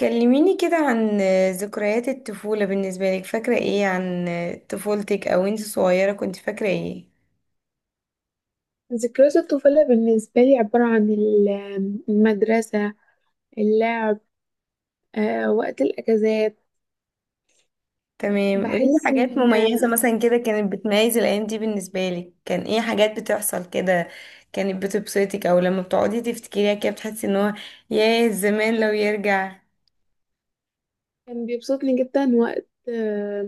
كلميني كده عن ذكريات الطفولة بالنسبة لك. فاكرة ايه عن طفولتك؟ او انت صغيرة كنت فاكرة ايه؟ ذكريات الطفولة بالنسبة لي عبارة عن المدرسة، اللعب، وقت الأجازات. تمام، قوليلي بحس حاجات إن مميزة مثلا كده، كانت بتميز الايام دي بالنسبة لك. كان ايه حاجات بتحصل كده كانت بتبسطك، او لما بتقعدي تفتكريها كده بتحسي ان هو ياه زمان لو يرجع. كان بيبسطني جدا وقت آه،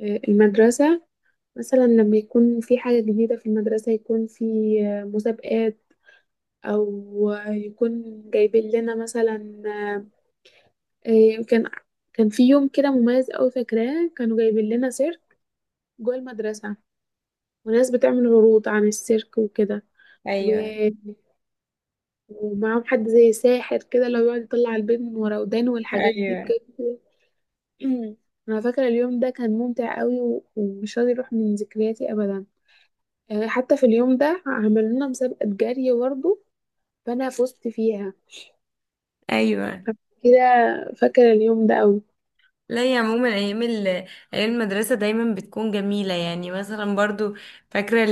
آه، المدرسة. مثلا لما يكون في حاجة جديدة في المدرسة يكون في مسابقات، أو يكون جايبين لنا مثلا آه، كان كان في يوم كده مميز أوي فاكراه، كانوا جايبين لنا سيرك جوه المدرسة، وناس بتعمل عروض عن السيرك وكده، ايوه. ومعاهم حد زي ساحر كده اللي هو بيقعد يطلع البيض من ورا ودانه والحاجات دي ايوه. بجد. انا فاكره اليوم ده كان ممتع قوي ومش راضي يروح من ذكرياتي ابدا. حتى في اليوم ده عملوا لنا مسابقه جري برضه، فانا فزت فيها ايوه. كده. فاكره اليوم ده قوي. لا، يا عموما ايام المدرسة دايما بتكون جميلة. يعني مثلا برضو فاكرة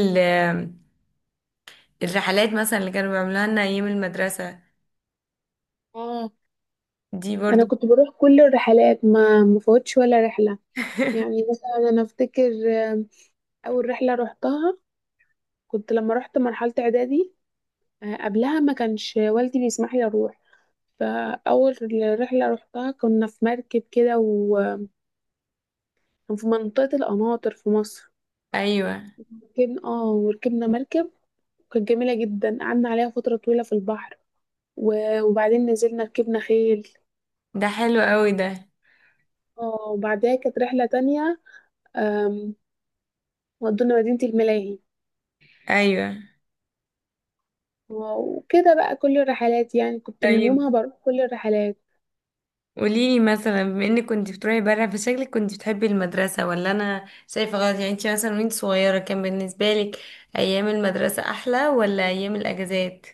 الرحلات مثلا اللي كانوا بيعملوها لنا ايام المدرسة اه، دي برضو. انا كنت بروح كل الرحلات ما مفوتش ولا رحله. يعني مثلا انا افتكر آه، اول رحله روحتها كنت لما رحت مرحله اعدادي. قبلها ما كانش والدي بيسمح لي اروح. فأول رحلة روحتها كنا في مركب كده، وفي منطقة القناطر في مصر. ايوه. ركبنا اه وركبنا مركب، كانت جميلة جدا، قعدنا عليها فترة طويلة في البحر، وبعدين نزلنا ركبنا خيل. ده حلو قوي ده. اه وبعدها كانت رحلة تانية، آم، ودونا مدينة الملاهي. ايوه. وكده بقى كل الرحلات، يعني كنت من طيب، يومها بروح كل الرحلات. قوليلي مثلا بما انك كنت بتروحي بره، فشكلك كنت بتحبي المدرسة ولا انا شايفة غلط؟ يعني انت مثلا وانت صغيرة كان بالنسبة لك ايام المدرسة احلى ولا ايام الاجازات؟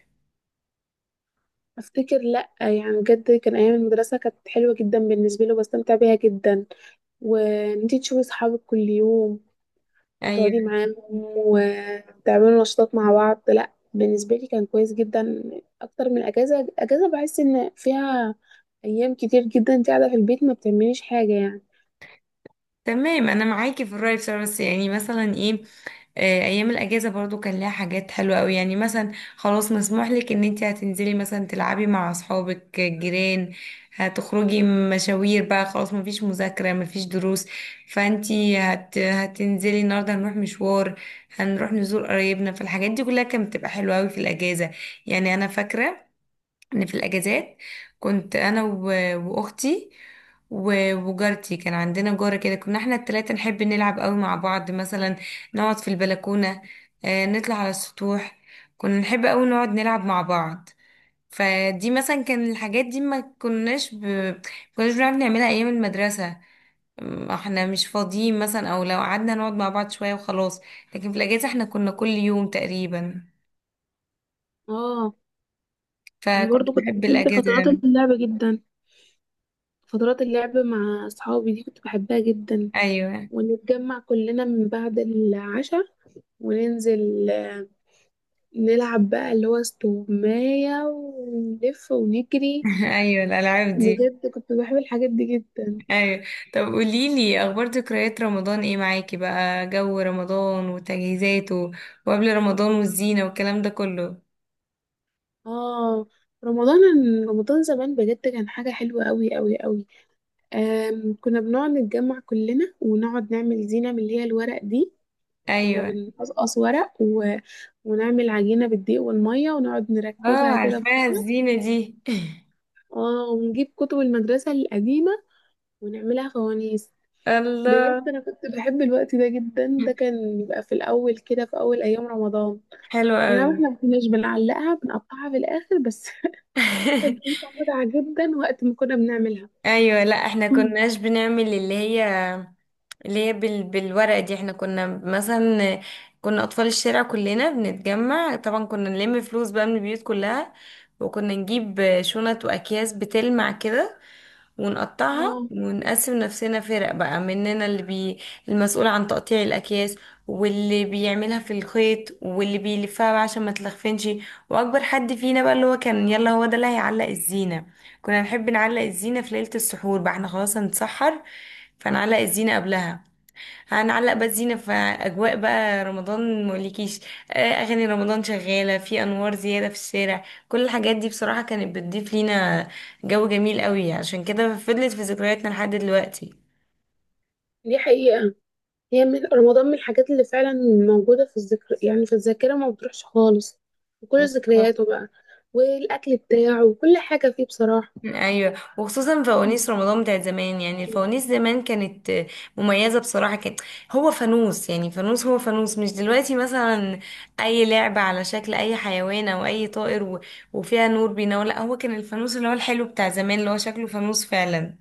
افتكر لا يعني بجد كان ايام المدرسه كانت حلوه جدا بالنسبه لي وبستمتع بيها جدا، وان انتي تشوفي صحابك كل يوم وتقعدي ايوه. معاهم وتعملوا نشاطات مع بعض. لا بالنسبة لي كان كويس جدا أكتر من أجازة. أجازة بحس إن فيها أيام كتير جدا أنت قاعدة في البيت ما بتعمليش حاجة يعني. تمام، انا معاكي في الرأي بصراحة. بس يعني مثلا ايه، ايام الاجازه برضو كان لها حاجات حلوه قوي. يعني مثلا خلاص مسموح لك ان انت هتنزلي مثلا تلعبي مع اصحابك الجيران، هتخرجي مشاوير بقى، خلاص مفيش مذاكره مفيش دروس. فانت هتنزلي النهارده، هنروح مشوار، هنروح نزور قرايبنا. فالحاجات دي كلها كانت بتبقى حلوه قوي في الاجازه. يعني انا فاكره ان في الاجازات كنت انا واختي وجارتي. كان عندنا جارة كده، كنا احنا التلاتة نحب نلعب قوي مع بعض. مثلا نقعد في البلكونة، نطلع على السطوح. كنا نحب قوي نقعد نلعب مع بعض. فدي مثلا كان الحاجات دي ما كناش بنعرف نعملها ايام المدرسة. احنا مش فاضيين مثلا، او لو قعدنا نقعد مع بعض شوية وخلاص. لكن في الاجازة احنا كنا كل يوم تقريبا. اه، أنا فكنت برضو كنت بحب بحب الاجازة فترات أوي. اللعب جدا. فترات اللعب مع أصحابي دي كنت بحبها جدا، ايوه. ونتجمع كلنا من بعد العشاء وننزل نلعب بقى اللي هو استغماية ونلف ونجري. ايوه، الالعاب دي. بجد كنت بحب الحاجات دي جدا. ايوه. طب قولي لي اخبار، ذكريات رمضان ايه معاكي بقى؟ جو رمضان وتجهيزاته وقبل رمضان والزينه والكلام ده كله. اه، رمضان. رمضان زمان بجد كان حاجة حلوة قوي قوي قوي. كنا بنقعد نتجمع كلنا ونقعد نعمل زينة من اللي هي الورق دي. كنا ايوه. بنقصقص ورق ونعمل عجينة بالدقيق والمية ونقعد اه، نركبها كده في عارفاها بعض. الزينه دي. اه ونجيب كتب المدرسة القديمة ونعملها فوانيس. بجد الله. أنا كنت بحب الوقت ده جدا. ده كان بيبقى في الأول كده، في أول أيام رمضان. حلوه أي نعم قوي. احنا ما كناش بنعلقها، بنقطعها في الآخر بس. كانت بتبقى متعة جدا وقت ما كنا بنعملها. ايوه. لا، احنا مم. كناش بنعمل اللي هي بالورقه دي. احنا كنا مثلا، كنا اطفال الشارع كلنا بنتجمع. طبعا كنا نلم فلوس بقى من البيوت كلها، وكنا نجيب شنط واكياس بتلمع كده ونقطعها اه ونقسم نفسنا فرق بقى. مننا المسؤول عن تقطيع الأكياس، واللي بيعملها في الخيط، واللي بيلفها بقى عشان ما تلخفنش. وأكبر حد فينا بقى اللي هو كان يلا هو ده اللي هيعلق الزينة. كنا نحب نعلق الزينة في ليلة السحور، بقى احنا خلاص هنتسحر فنعلق الزينة قبلها. هنعلق بقى الزينة في أجواء بقى رمضان، مقولكيش، أغاني رمضان شغالة، في أنوار زيادة في الشارع. كل الحاجات دي بصراحة كانت بتضيف لينا جو جميل قوي، عشان كده فضلت في ذكرياتنا لحد دلوقتي. دي حقيقة. هي من رمضان، من الحاجات اللي فعلا موجودة في الذكر يعني في الذاكرة ما بتروحش خالص. وكل ذكرياته بقى، والأكل بتاعه، وكل حاجة فيه بصراحة. ايوه، وخصوصا مم. فوانيس رمضان بتاعت زمان. يعني الفوانيس زمان كانت مميزه بصراحه. كان هو فانوس، يعني فانوس هو فانوس، مش دلوقتي مثلا اي لعبه على شكل اي حيوان او اي طائر وفيها نور بينور. لا، هو كان الفانوس اللي هو الحلو بتاع زمان، اللي هو شكله فانوس فعلا.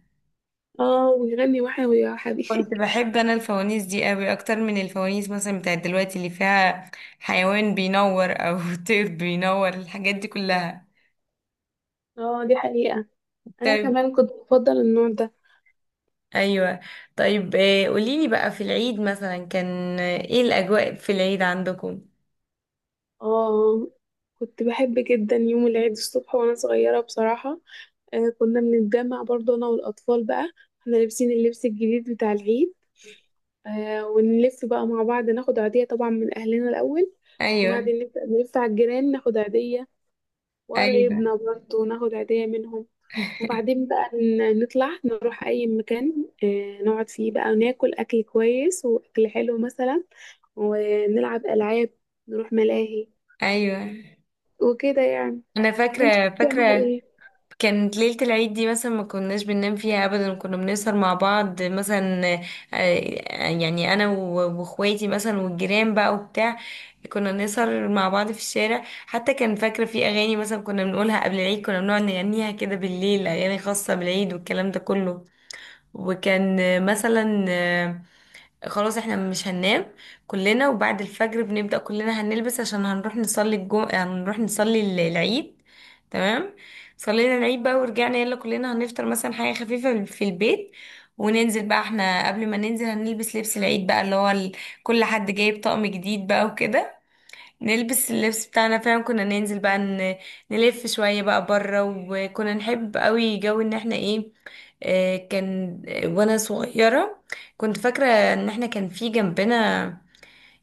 اه ويغني وحيوي يا كنت حبيبي. بحب انا الفوانيس دي قوي اكتر من الفوانيس مثلا بتاعت دلوقتي اللي فيها حيوان بينور او طير بينور، الحاجات دي كلها. اه دي حقيقة. أنا طيب. كمان كنت بفضل النوع ده. ايوه. طيب، قوليلي بقى في العيد مثلا كان ايه الاجواء في العيد عندكم؟ اه، كنت بحب جدا يوم العيد الصبح وأنا صغيرة بصراحة. آه كنا بنتجمع برضه أنا والأطفال بقى، احنا لابسين اللبس الجديد بتاع العيد. آه ونلف بقى مع بعض، ناخد عيدية طبعا من أهلنا الأول، ايوه. وبعدين نبدأ نلف على الجيران ناخد عيدية، ايوه. وقرايبنا برضه ناخد عيدية منهم. وبعدين بقى نطلع نروح أي مكان آه نقعد فيه بقى وناكل أكل كويس وأكل حلو مثلا، ونلعب ألعاب، نروح ملاهي، ايوه. وكده يعني. انا وانت فاكره كنت بتعملي فاكره. ايه؟ كانت ليله العيد دي مثلا ما كناش بننام فيها ابدا، كنا بنسهر مع بعض مثلا. يعني انا واخواتي مثلا والجيران بقى وبتاع. كنا نسهر مع بعض في الشارع حتى. كان فاكره في اغاني مثلا كنا بنقولها قبل العيد، كنا بنقعد نغنيها كده بالليل، اغاني خاصه بالعيد والكلام ده كله. وكان مثلا خلاص احنا مش هننام كلنا. وبعد الفجر بنبدأ كلنا هنلبس عشان هنروح نصلي العيد. تمام، صلينا العيد بقى ورجعنا، يلا كلنا هنفطر مثلا حاجة خفيفة في البيت، وننزل بقى. احنا قبل ما ننزل هنلبس لبس العيد بقى، كل حد جايب طقم جديد بقى وكده. نلبس اللبس بتاعنا فعلا، كنا ننزل بقى نلف شوية بقى بره. وكنا نحب قوي جو ان احنا ايه، كان وانا صغيرة كنت فاكرة ان احنا كان في جنبنا،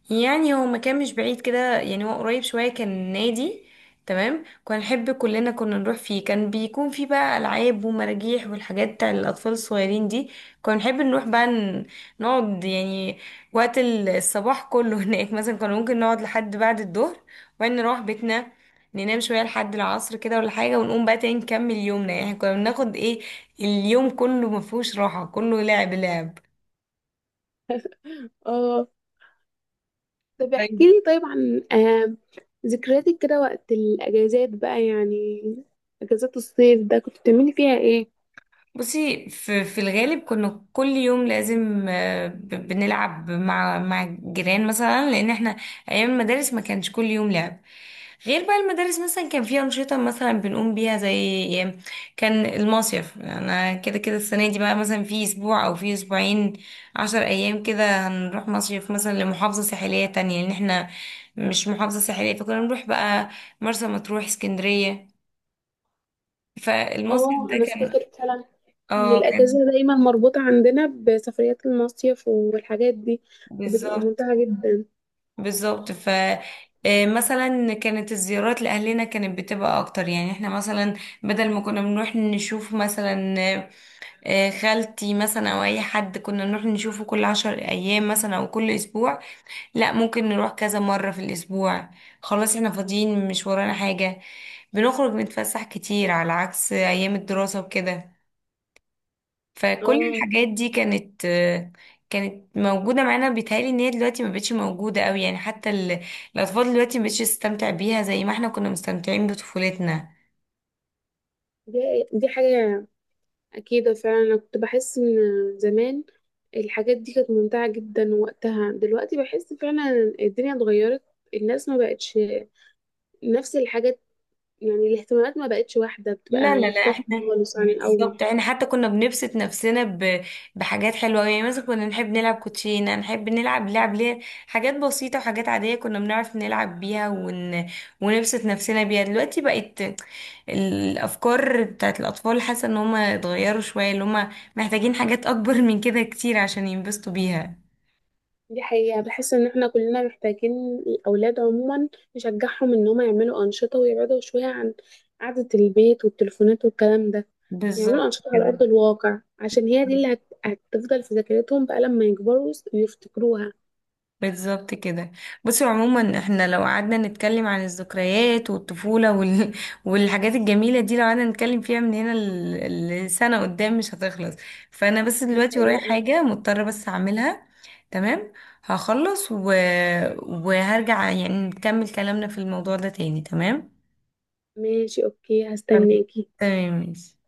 يعني هو مكان مش بعيد كده، يعني هو قريب شوية، كان نادي. تمام، كنا نحب كلنا كنا نروح فيه. كان بيكون فيه بقى ألعاب ومراجيح والحاجات بتاع الأطفال الصغيرين دي. كنا نحب نروح بقى نقعد يعني وقت الصباح كله هناك مثلا. كنا ممكن نقعد لحد بعد الظهر، وبعدين نروح بيتنا ننام شوية لحد العصر كده ولا حاجة، ونقوم بقى تاني نكمل يومنا. يعني كنا بناخد ايه، اليوم كله مفهوش راحة، كله لعب لعب. اه، طب احكي لي طيب عن آه ذكرياتك كده وقت الأجازات بقى، يعني أجازات الصيف ده كنت بتعملي فيها ايه؟ بصي، في الغالب كنا كل يوم لازم بنلعب مع الجيران مثلا، لان احنا ايام المدارس ما كانش كل يوم لعب. غير بقى المدارس مثلا كان فيها أنشطة مثلا بنقوم بيها زي كان المصيف. أنا كده كده السنة دي بقى مثلا في أسبوع أو في أسبوعين عشر أيام كده، هنروح مصيف مثلا لمحافظة ساحلية تانية، لأن احنا مش محافظة ساحلية. فكنا نروح بقى مرسى مطروح، اسكندرية. فالمصيف اه ده انا كان. افتكر فعلا ان اه، كان. الاجازه دايما مربوطه عندنا بسفريات المصيف والحاجات دي، كانت بتبقى بالظبط. ممتعه جدا. بالظبط، ف مثلا كانت الزيارات لأهلنا كانت بتبقى أكتر. يعني احنا مثلا بدل ما كنا بنروح نشوف مثلا خالتي مثلا أو أي حد، كنا نروح نشوفه كل عشر أيام مثلا أو كل أسبوع. لا، ممكن نروح كذا مرة في الأسبوع، خلاص احنا فاضيين مش ورانا حاجة. بنخرج نتفسح كتير على عكس أيام الدراسة وكده. فكل اه، الحاجات دي كانت موجودة معانا. بيتهيألي ان هي دلوقتي ما بقتش موجودة قوي. يعني حتى الأطفال دلوقتي ما بقتش تستمتع بيها زي ما احنا كنا مستمتعين بطفولتنا. دي, دي حاجه اكيده فعلا. انا كنت بحس ان زمان الحاجات دي كانت ممتعه جدا وقتها. دلوقتي بحس فعلا الدنيا اتغيرت، الناس ما بقتش نفس الحاجات، يعني الاهتمامات ما بقتش واحده، بتبقى لا لا لا، مختلفه احنا خالص عن الاول. بالظبط، احنا حتى كنا بنبسط نفسنا بحاجات حلوة أوي. يعني مثلا كنا نحب نلعب كوتشينة، نحب نلعب لعب ليه. حاجات بسيطة وحاجات عادية كنا بنعرف نلعب بيها ونبسط نفسنا بيها. دلوقتي بقت الأفكار بتاعت الأطفال، حاسة ان هما اتغيروا شوية، اللي هما محتاجين حاجات أكبر من كده كتير عشان ينبسطوا بيها. دي حقيقة. بحس ان احنا كلنا محتاجين الاولاد عموما نشجعهم ان هم يعملوا انشطة ويبعدوا شوية عن قعدة البيت والتليفونات والكلام ده. بالظبط يعملوا انشطة على كده. ارض الواقع عشان هي دي اللي هتفضل في ذاكرتهم بقى لما يكبروا ويفتكروها. بالظبط كده. بصي، عموما احنا لو قعدنا نتكلم عن الذكريات والطفولة والحاجات الجميلة دي، لو قعدنا نتكلم فيها من هنا لسنة قدام مش هتخلص. فانا بس دي دلوقتي ورايا حقيقة. حاجة مضطرة بس اعملها. تمام، هخلص وهرجع يعني نكمل كلامنا في الموضوع ده تاني. تمام. ماشي اوكي، خلاص. هستناكي. تمام ماشي.